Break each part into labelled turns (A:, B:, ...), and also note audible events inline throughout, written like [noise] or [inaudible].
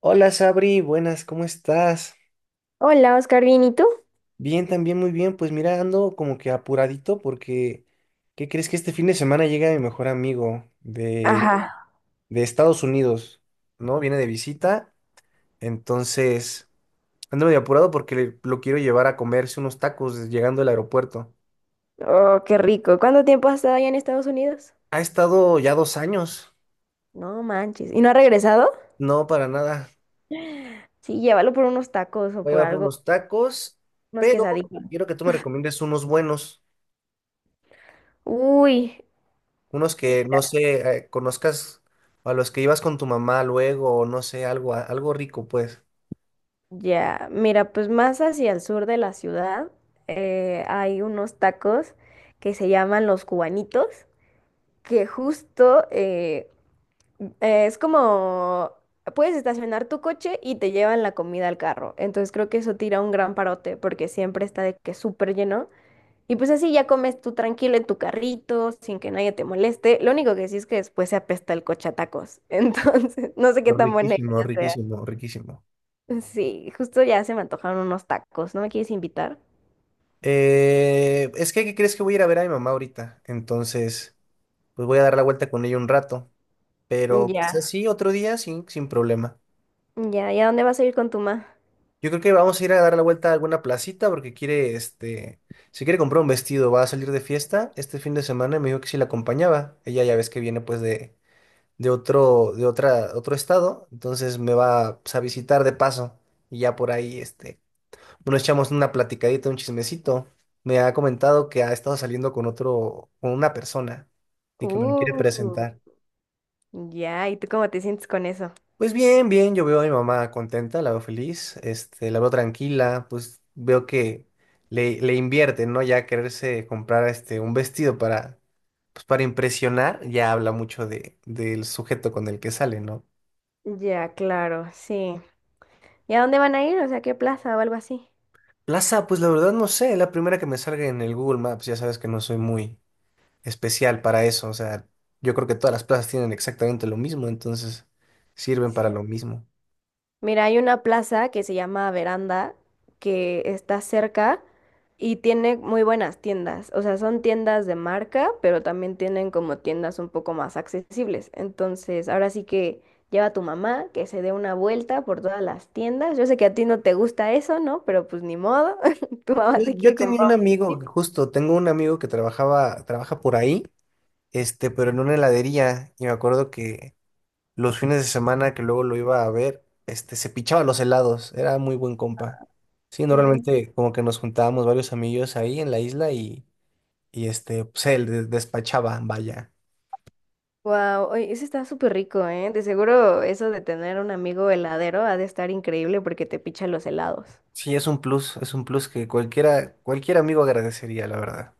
A: Hola Sabri, buenas, ¿cómo estás?
B: Hola, Oscar, ¿bien y tú?
A: Bien, también muy bien. Pues mira, ando como que apuradito porque, ¿qué crees que este fin de semana llega mi mejor amigo de,
B: Ajá.
A: de Estados Unidos, ¿no? Viene de visita, entonces ando medio apurado porque lo quiero llevar a comerse unos tacos llegando al aeropuerto.
B: Oh, qué rico. ¿Cuánto tiempo has estado allá en Estados Unidos?
A: Ha estado ya 2 años,
B: No manches. ¿Y no ha regresado?
A: no para nada.
B: Sí, llévalo por unos tacos o
A: Voy a
B: por
A: llevar
B: algo,
A: unos tacos,
B: unos
A: pero
B: quesadillas.
A: quiero que tú me recomiendes unos buenos.
B: Uy,
A: Unos que, no sé, conozcas a los que ibas con tu mamá luego, o no sé, algo, algo rico, pues.
B: ya. Mira, pues más hacia el sur de la ciudad hay unos tacos que se llaman los cubanitos, que justo es como puedes estacionar tu coche y te llevan la comida al carro. Entonces creo que eso tira un gran parote porque siempre está de que súper lleno. Y pues así ya comes tú tranquilo en tu carrito, sin que nadie te moleste. Lo único que sí es que después se apesta el coche a tacos. [laughs] Entonces, no sé qué tan buena
A: Riquísimo,
B: idea sea.
A: riquísimo, riquísimo.
B: Sí, justo ya se me antojaron unos tacos. ¿No me quieres invitar?
A: Es que, ¿qué crees que voy a ir a ver a mi mamá ahorita? Entonces, pues voy a dar la vuelta con ella un rato, pero quizás
B: Ya.
A: sí, otro día, sí, sin problema.
B: Ya, ¿y a dónde vas a ir con tu ma?
A: Yo creo que vamos a ir a dar la vuelta a alguna placita porque quiere, este, si quiere comprar un vestido, va a salir de fiesta este fin de semana y me dijo que si la acompañaba. Ella ya ves que viene pues de otro, de otra, otro estado, entonces me va pues, a visitar de paso y ya por ahí, este, nos echamos una platicadita, un chismecito. Me ha comentado que ha estado saliendo con otro, con una persona y que me lo quiere
B: Uh,
A: presentar.
B: ya, ¿y tú cómo te sientes con eso?
A: Pues bien, bien, yo veo a mi mamá contenta, la veo feliz, este, la veo tranquila, pues veo que le invierte, ¿no? Ya quererse comprar este, un vestido para, pues, para impresionar, ya habla mucho de, del sujeto con el que sale, ¿no?
B: Ya, claro, sí. ¿Y a dónde van a ir? O sea, ¿qué plaza o algo así?
A: Plaza, pues la verdad no sé, la primera que me salga en el Google Maps, ya sabes que no soy muy especial para eso, o sea, yo creo que todas las plazas tienen exactamente lo mismo, entonces sirven para
B: Sí.
A: lo mismo.
B: Mira, hay una plaza que se llama Veranda, que está cerca y tiene muy buenas tiendas. O sea, son tiendas de marca, pero también tienen como tiendas un poco más accesibles. Entonces, ahora sí que lleva a tu mamá que se dé una vuelta por todas las tiendas. Yo sé que a ti no te gusta eso, ¿no? Pero pues ni modo. [laughs] Tu mamá
A: Yo,
B: se
A: yo
B: quiere
A: tenía
B: comprar
A: un
B: un
A: amigo,
B: vestido.
A: justo, tengo un amigo que trabajaba, trabaja por ahí, este, pero en una heladería, y me acuerdo que los fines de semana que luego lo iba a ver, este, se pichaba los helados, era muy buen compa. Sí,
B: Qué rico.
A: normalmente como que nos juntábamos varios amigos ahí en la isla y este, pues él despachaba, vaya.
B: Wow, eso está súper rico, ¿eh? De seguro eso de tener un amigo heladero ha de estar increíble porque te picha los helados.
A: Sí, es un plus que cualquiera, cualquier amigo agradecería, la verdad.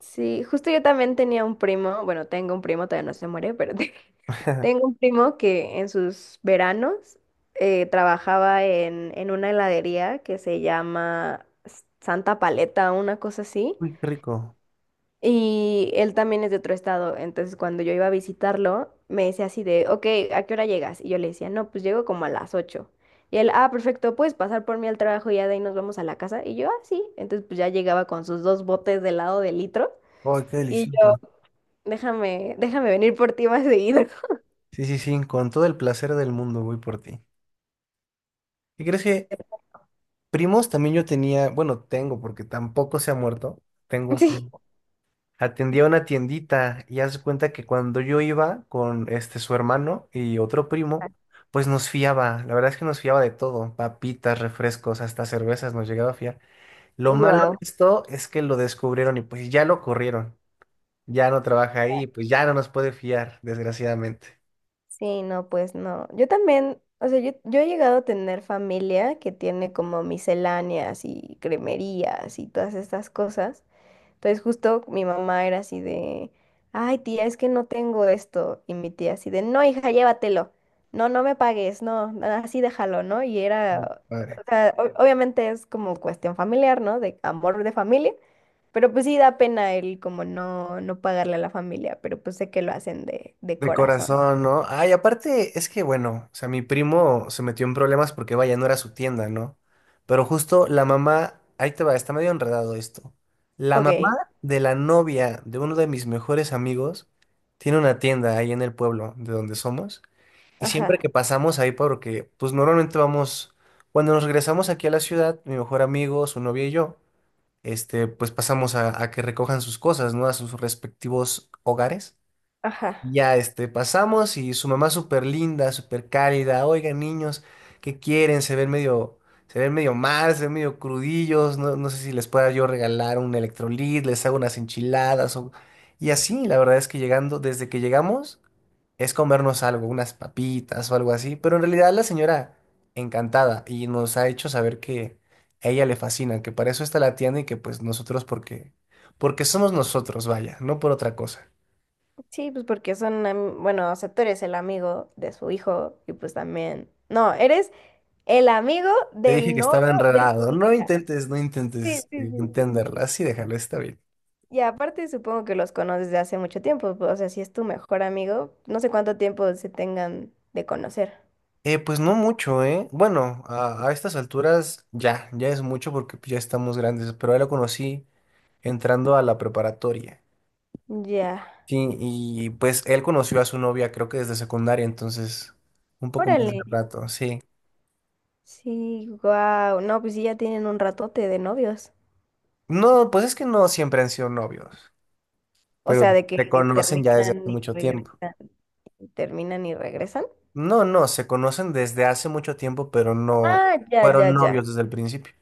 B: Sí, justo yo también tenía un primo, bueno, tengo un primo, todavía no se muere, [laughs] tengo
A: [laughs]
B: un primo que en sus veranos trabajaba en una heladería que se llama Santa Paleta, una cosa así,
A: Uy, qué rico.
B: y él también es de otro estado, entonces cuando yo iba a visitarlo, me decía así de, ok, ¿a qué hora llegas? Y yo le decía, no, pues llego como a las 8. Y él, ah, perfecto, puedes pasar por mí al trabajo y ya de ahí nos vamos a la casa. Y yo, ah, sí. Entonces, pues ya llegaba con sus dos botes de helado de litro.
A: Ay, qué
B: Y yo,
A: delicioso.
B: déjame venir por ti más seguido.
A: Sí, sí, sí, con todo el placer del mundo voy por ti. ¿Y crees que
B: [laughs]
A: primos también yo tenía, bueno, tengo porque tampoco se ha muerto, tengo un
B: Sí.
A: primo. Atendía una tiendita y haz de cuenta que cuando yo iba con este su hermano y otro primo, pues nos fiaba, la verdad es que nos fiaba de todo, papitas, refrescos, hasta cervezas nos llegaba a fiar. Lo malo de
B: Wow.
A: esto es que lo descubrieron y pues ya lo corrieron. Ya no trabaja ahí, pues ya no nos puede fiar, desgraciadamente.
B: Sí, no, pues no. Yo también, o sea, yo he llegado a tener familia que tiene como misceláneas y cremerías y todas estas cosas. Entonces justo mi mamá era así de, ay tía, es que no tengo esto. Y mi tía así de, no, hija, llévatelo. No, no me pagues, no, así déjalo, ¿no? Y
A: Muy
B: era, o
A: padre.
B: sea, obviamente es como cuestión familiar, ¿no? De amor de familia. Pero pues sí da pena el como no pagarle a la familia, pero pues sé que lo hacen de
A: De
B: corazón.
A: corazón, ¿no? Ay, aparte, es que bueno, o sea, mi primo se metió en problemas porque vaya, no era su tienda, ¿no? Pero justo la mamá, ahí te va, está medio enredado esto. La
B: Ok,
A: mamá de la novia de uno de mis mejores amigos tiene una tienda ahí en el pueblo de donde somos. Y siempre
B: ajá,
A: que pasamos ahí, porque pues normalmente vamos, cuando nos regresamos aquí a la ciudad, mi mejor amigo, su novia y yo. Este, pues pasamos a que recojan sus cosas, ¿no? A sus respectivos hogares. Y
B: ajá.
A: ya, este, pasamos y su mamá súper linda, súper cálida. Oigan, niños, ¿qué quieren? Se ven medio mal, se ven medio crudillos. No, no sé si les pueda yo regalar un electrolit, les hago unas enchiladas o... Y así, la verdad es que llegando, desde que llegamos, es comernos algo, unas papitas o algo así. Pero en realidad la señora encantada y nos ha hecho saber que a ella le fascina, que para eso está la tienda y que pues nosotros porque, porque somos nosotros, vaya, no por otra cosa.
B: Sí, pues porque son, bueno, o sea, tú eres el amigo de su hijo y pues también, no, eres el amigo
A: Te dije
B: del
A: que
B: novio
A: estaba
B: de
A: enredado.
B: su
A: No
B: hija.
A: intentes,
B: Sí, sí, sí, sí,
A: entenderla.
B: sí.
A: Así déjalo, está bien.
B: Y aparte supongo que los conoces de hace mucho tiempo, pues, o sea, si es tu mejor amigo, no sé cuánto tiempo se tengan de conocer.
A: Pues no mucho, ¿eh? Bueno, a estas alturas ya, ya es mucho porque ya estamos grandes, pero él lo conocí entrando a la preparatoria.
B: Ya,
A: Sí, y pues él conoció a su novia creo que desde secundaria, entonces un poco más
B: órale.
A: de rato, sí.
B: Sí, wow. No, pues sí, ya tienen un ratote de novios.
A: No, pues es que no siempre han sido novios,
B: O
A: pero
B: sea, de que
A: se conocen ya desde hace
B: terminan y
A: mucho tiempo.
B: regresan, terminan y regresan.
A: No, no, se conocen desde hace mucho tiempo, pero no
B: Ah, ya, ya,
A: fueron
B: ya.
A: novios desde el principio.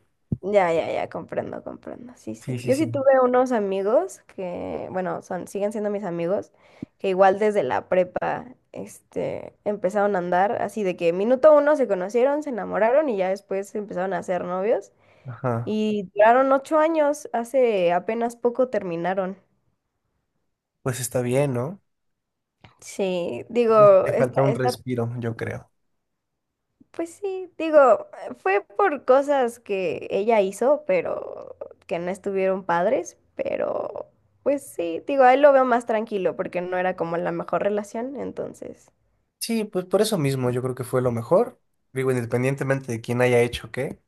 B: Ya, ya, ya, comprendo, comprendo. Sí,
A: Sí,
B: sí.
A: sí,
B: Yo
A: sí.
B: sí tuve unos amigos que, bueno, son, siguen siendo mis amigos, que igual desde la prepa, este, empezaron a andar así de que minuto uno se conocieron, se enamoraron y ya después se empezaron a ser novios.
A: Ajá.
B: Y duraron 8 años, hace apenas poco terminaron.
A: Pues está bien, ¿no?
B: Sí, digo,
A: Te falta un respiro, yo creo.
B: pues sí, digo, fue por cosas que ella hizo, pero que no estuvieron padres, pero pues sí, digo, a él lo veo más tranquilo porque no era como la mejor relación, entonces,
A: Sí, pues por eso mismo yo creo que fue lo mejor. Digo, independientemente de quién haya hecho qué,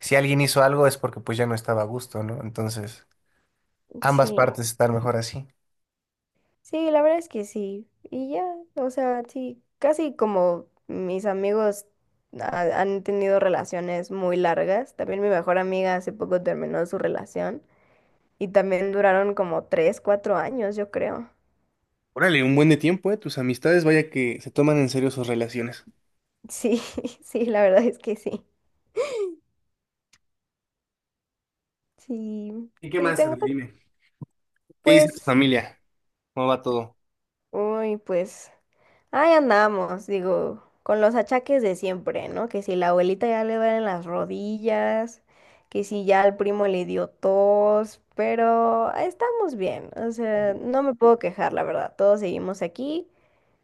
A: si alguien hizo algo es porque pues ya no estaba a gusto, ¿no? Entonces, ambas
B: sí,
A: partes están mejor así.
B: sí, la verdad es que sí, y ya, o sea, sí, casi como mis amigos han tenido relaciones muy largas, también mi mejor amiga hace poco terminó su relación y también duraron como 3, 4 años, yo creo.
A: Órale, un buen de tiempo, ¿eh? Tus amistades, vaya que se toman en serio sus relaciones.
B: Sí, [laughs] sí, la verdad es que sí. Sí,
A: ¿Y qué
B: sí,
A: más,
B: tengo
A: Abdi? Dime. ¿Qué dice tu
B: pues,
A: familia? ¿Cómo va todo?
B: uy, pues, ahí andamos, digo, con los achaques de siempre, ¿no? Que si la abuelita ya le duelen las rodillas, que si ya al primo le dio tos, pero estamos bien, o sea, no me puedo quejar, la verdad, todos seguimos aquí.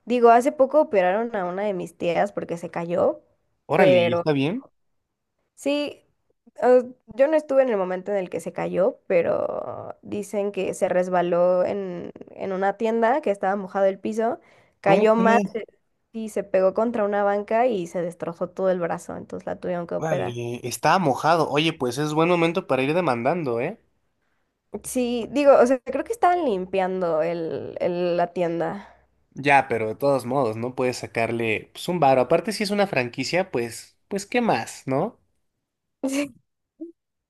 B: Digo, hace poco operaron a una de mis tías porque se cayó.
A: Órale, ¿y está bien?
B: Sí, yo no estuve en el momento en el que se cayó, pero dicen que se resbaló en una tienda que estaba mojado el piso,
A: ¿Cómo
B: cayó más
A: crees?
B: y se pegó contra una banca y se destrozó todo el brazo, entonces la tuvieron que operar.
A: Órale, está mojado. Oye, pues es buen momento para ir demandando, ¿eh?
B: Sí, digo, o sea, creo que estaban limpiando la tienda. [laughs]
A: Ya, pero de todos modos, ¿no? Puedes sacarle pues, un varo. Aparte, si es una franquicia, pues, pues, ¿qué más, no?
B: Sí,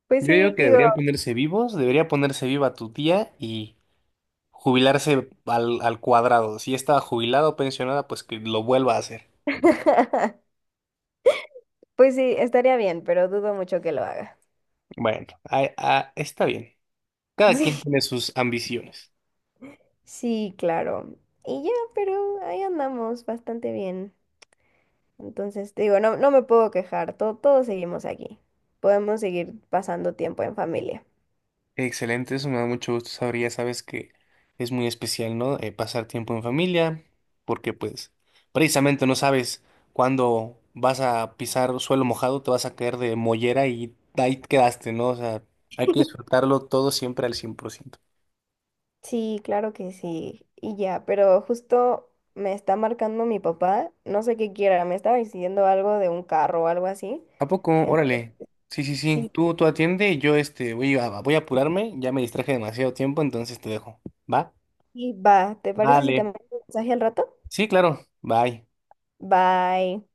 B: pues
A: Yo digo
B: sí,
A: que
B: digo,
A: deberían ponerse vivos, debería ponerse viva tu tía y jubilarse al cuadrado. Si ya estaba jubilada o pensionada, pues que lo vuelva a hacer.
B: [laughs] pues sí, estaría bien, pero dudo mucho que lo haga.
A: Bueno, ah, ah, está bien.
B: [laughs]
A: Cada
B: Sí,
A: quien tiene sus ambiciones.
B: sí, claro. Y ya, pero ahí andamos bastante bien. Entonces, te digo, no, no me puedo quejar, todos seguimos aquí. Podemos seguir pasando tiempo en familia.
A: Excelente, eso me da mucho gusto saber, ya sabes que es muy especial, ¿no? Pasar tiempo en familia, porque pues precisamente no sabes cuándo vas a pisar suelo mojado, te vas a caer de mollera y ahí quedaste, ¿no? O sea, hay que disfrutarlo todo siempre al 100%.
B: Sí, claro que sí, y ya, pero justo me está marcando mi papá, no sé qué quiera, me estaba diciendo algo de un carro o algo así.
A: ¿A poco?
B: Entonces,
A: Órale. Sí, sí, sí,
B: sí,
A: tú atiende y yo este, voy a apurarme, ya me distraje demasiado tiempo, entonces te dejo. ¿Va?
B: sí, va, ¿te parece si te
A: Vale.
B: mando un mensaje al rato?
A: Sí, claro. Bye.
B: Bye.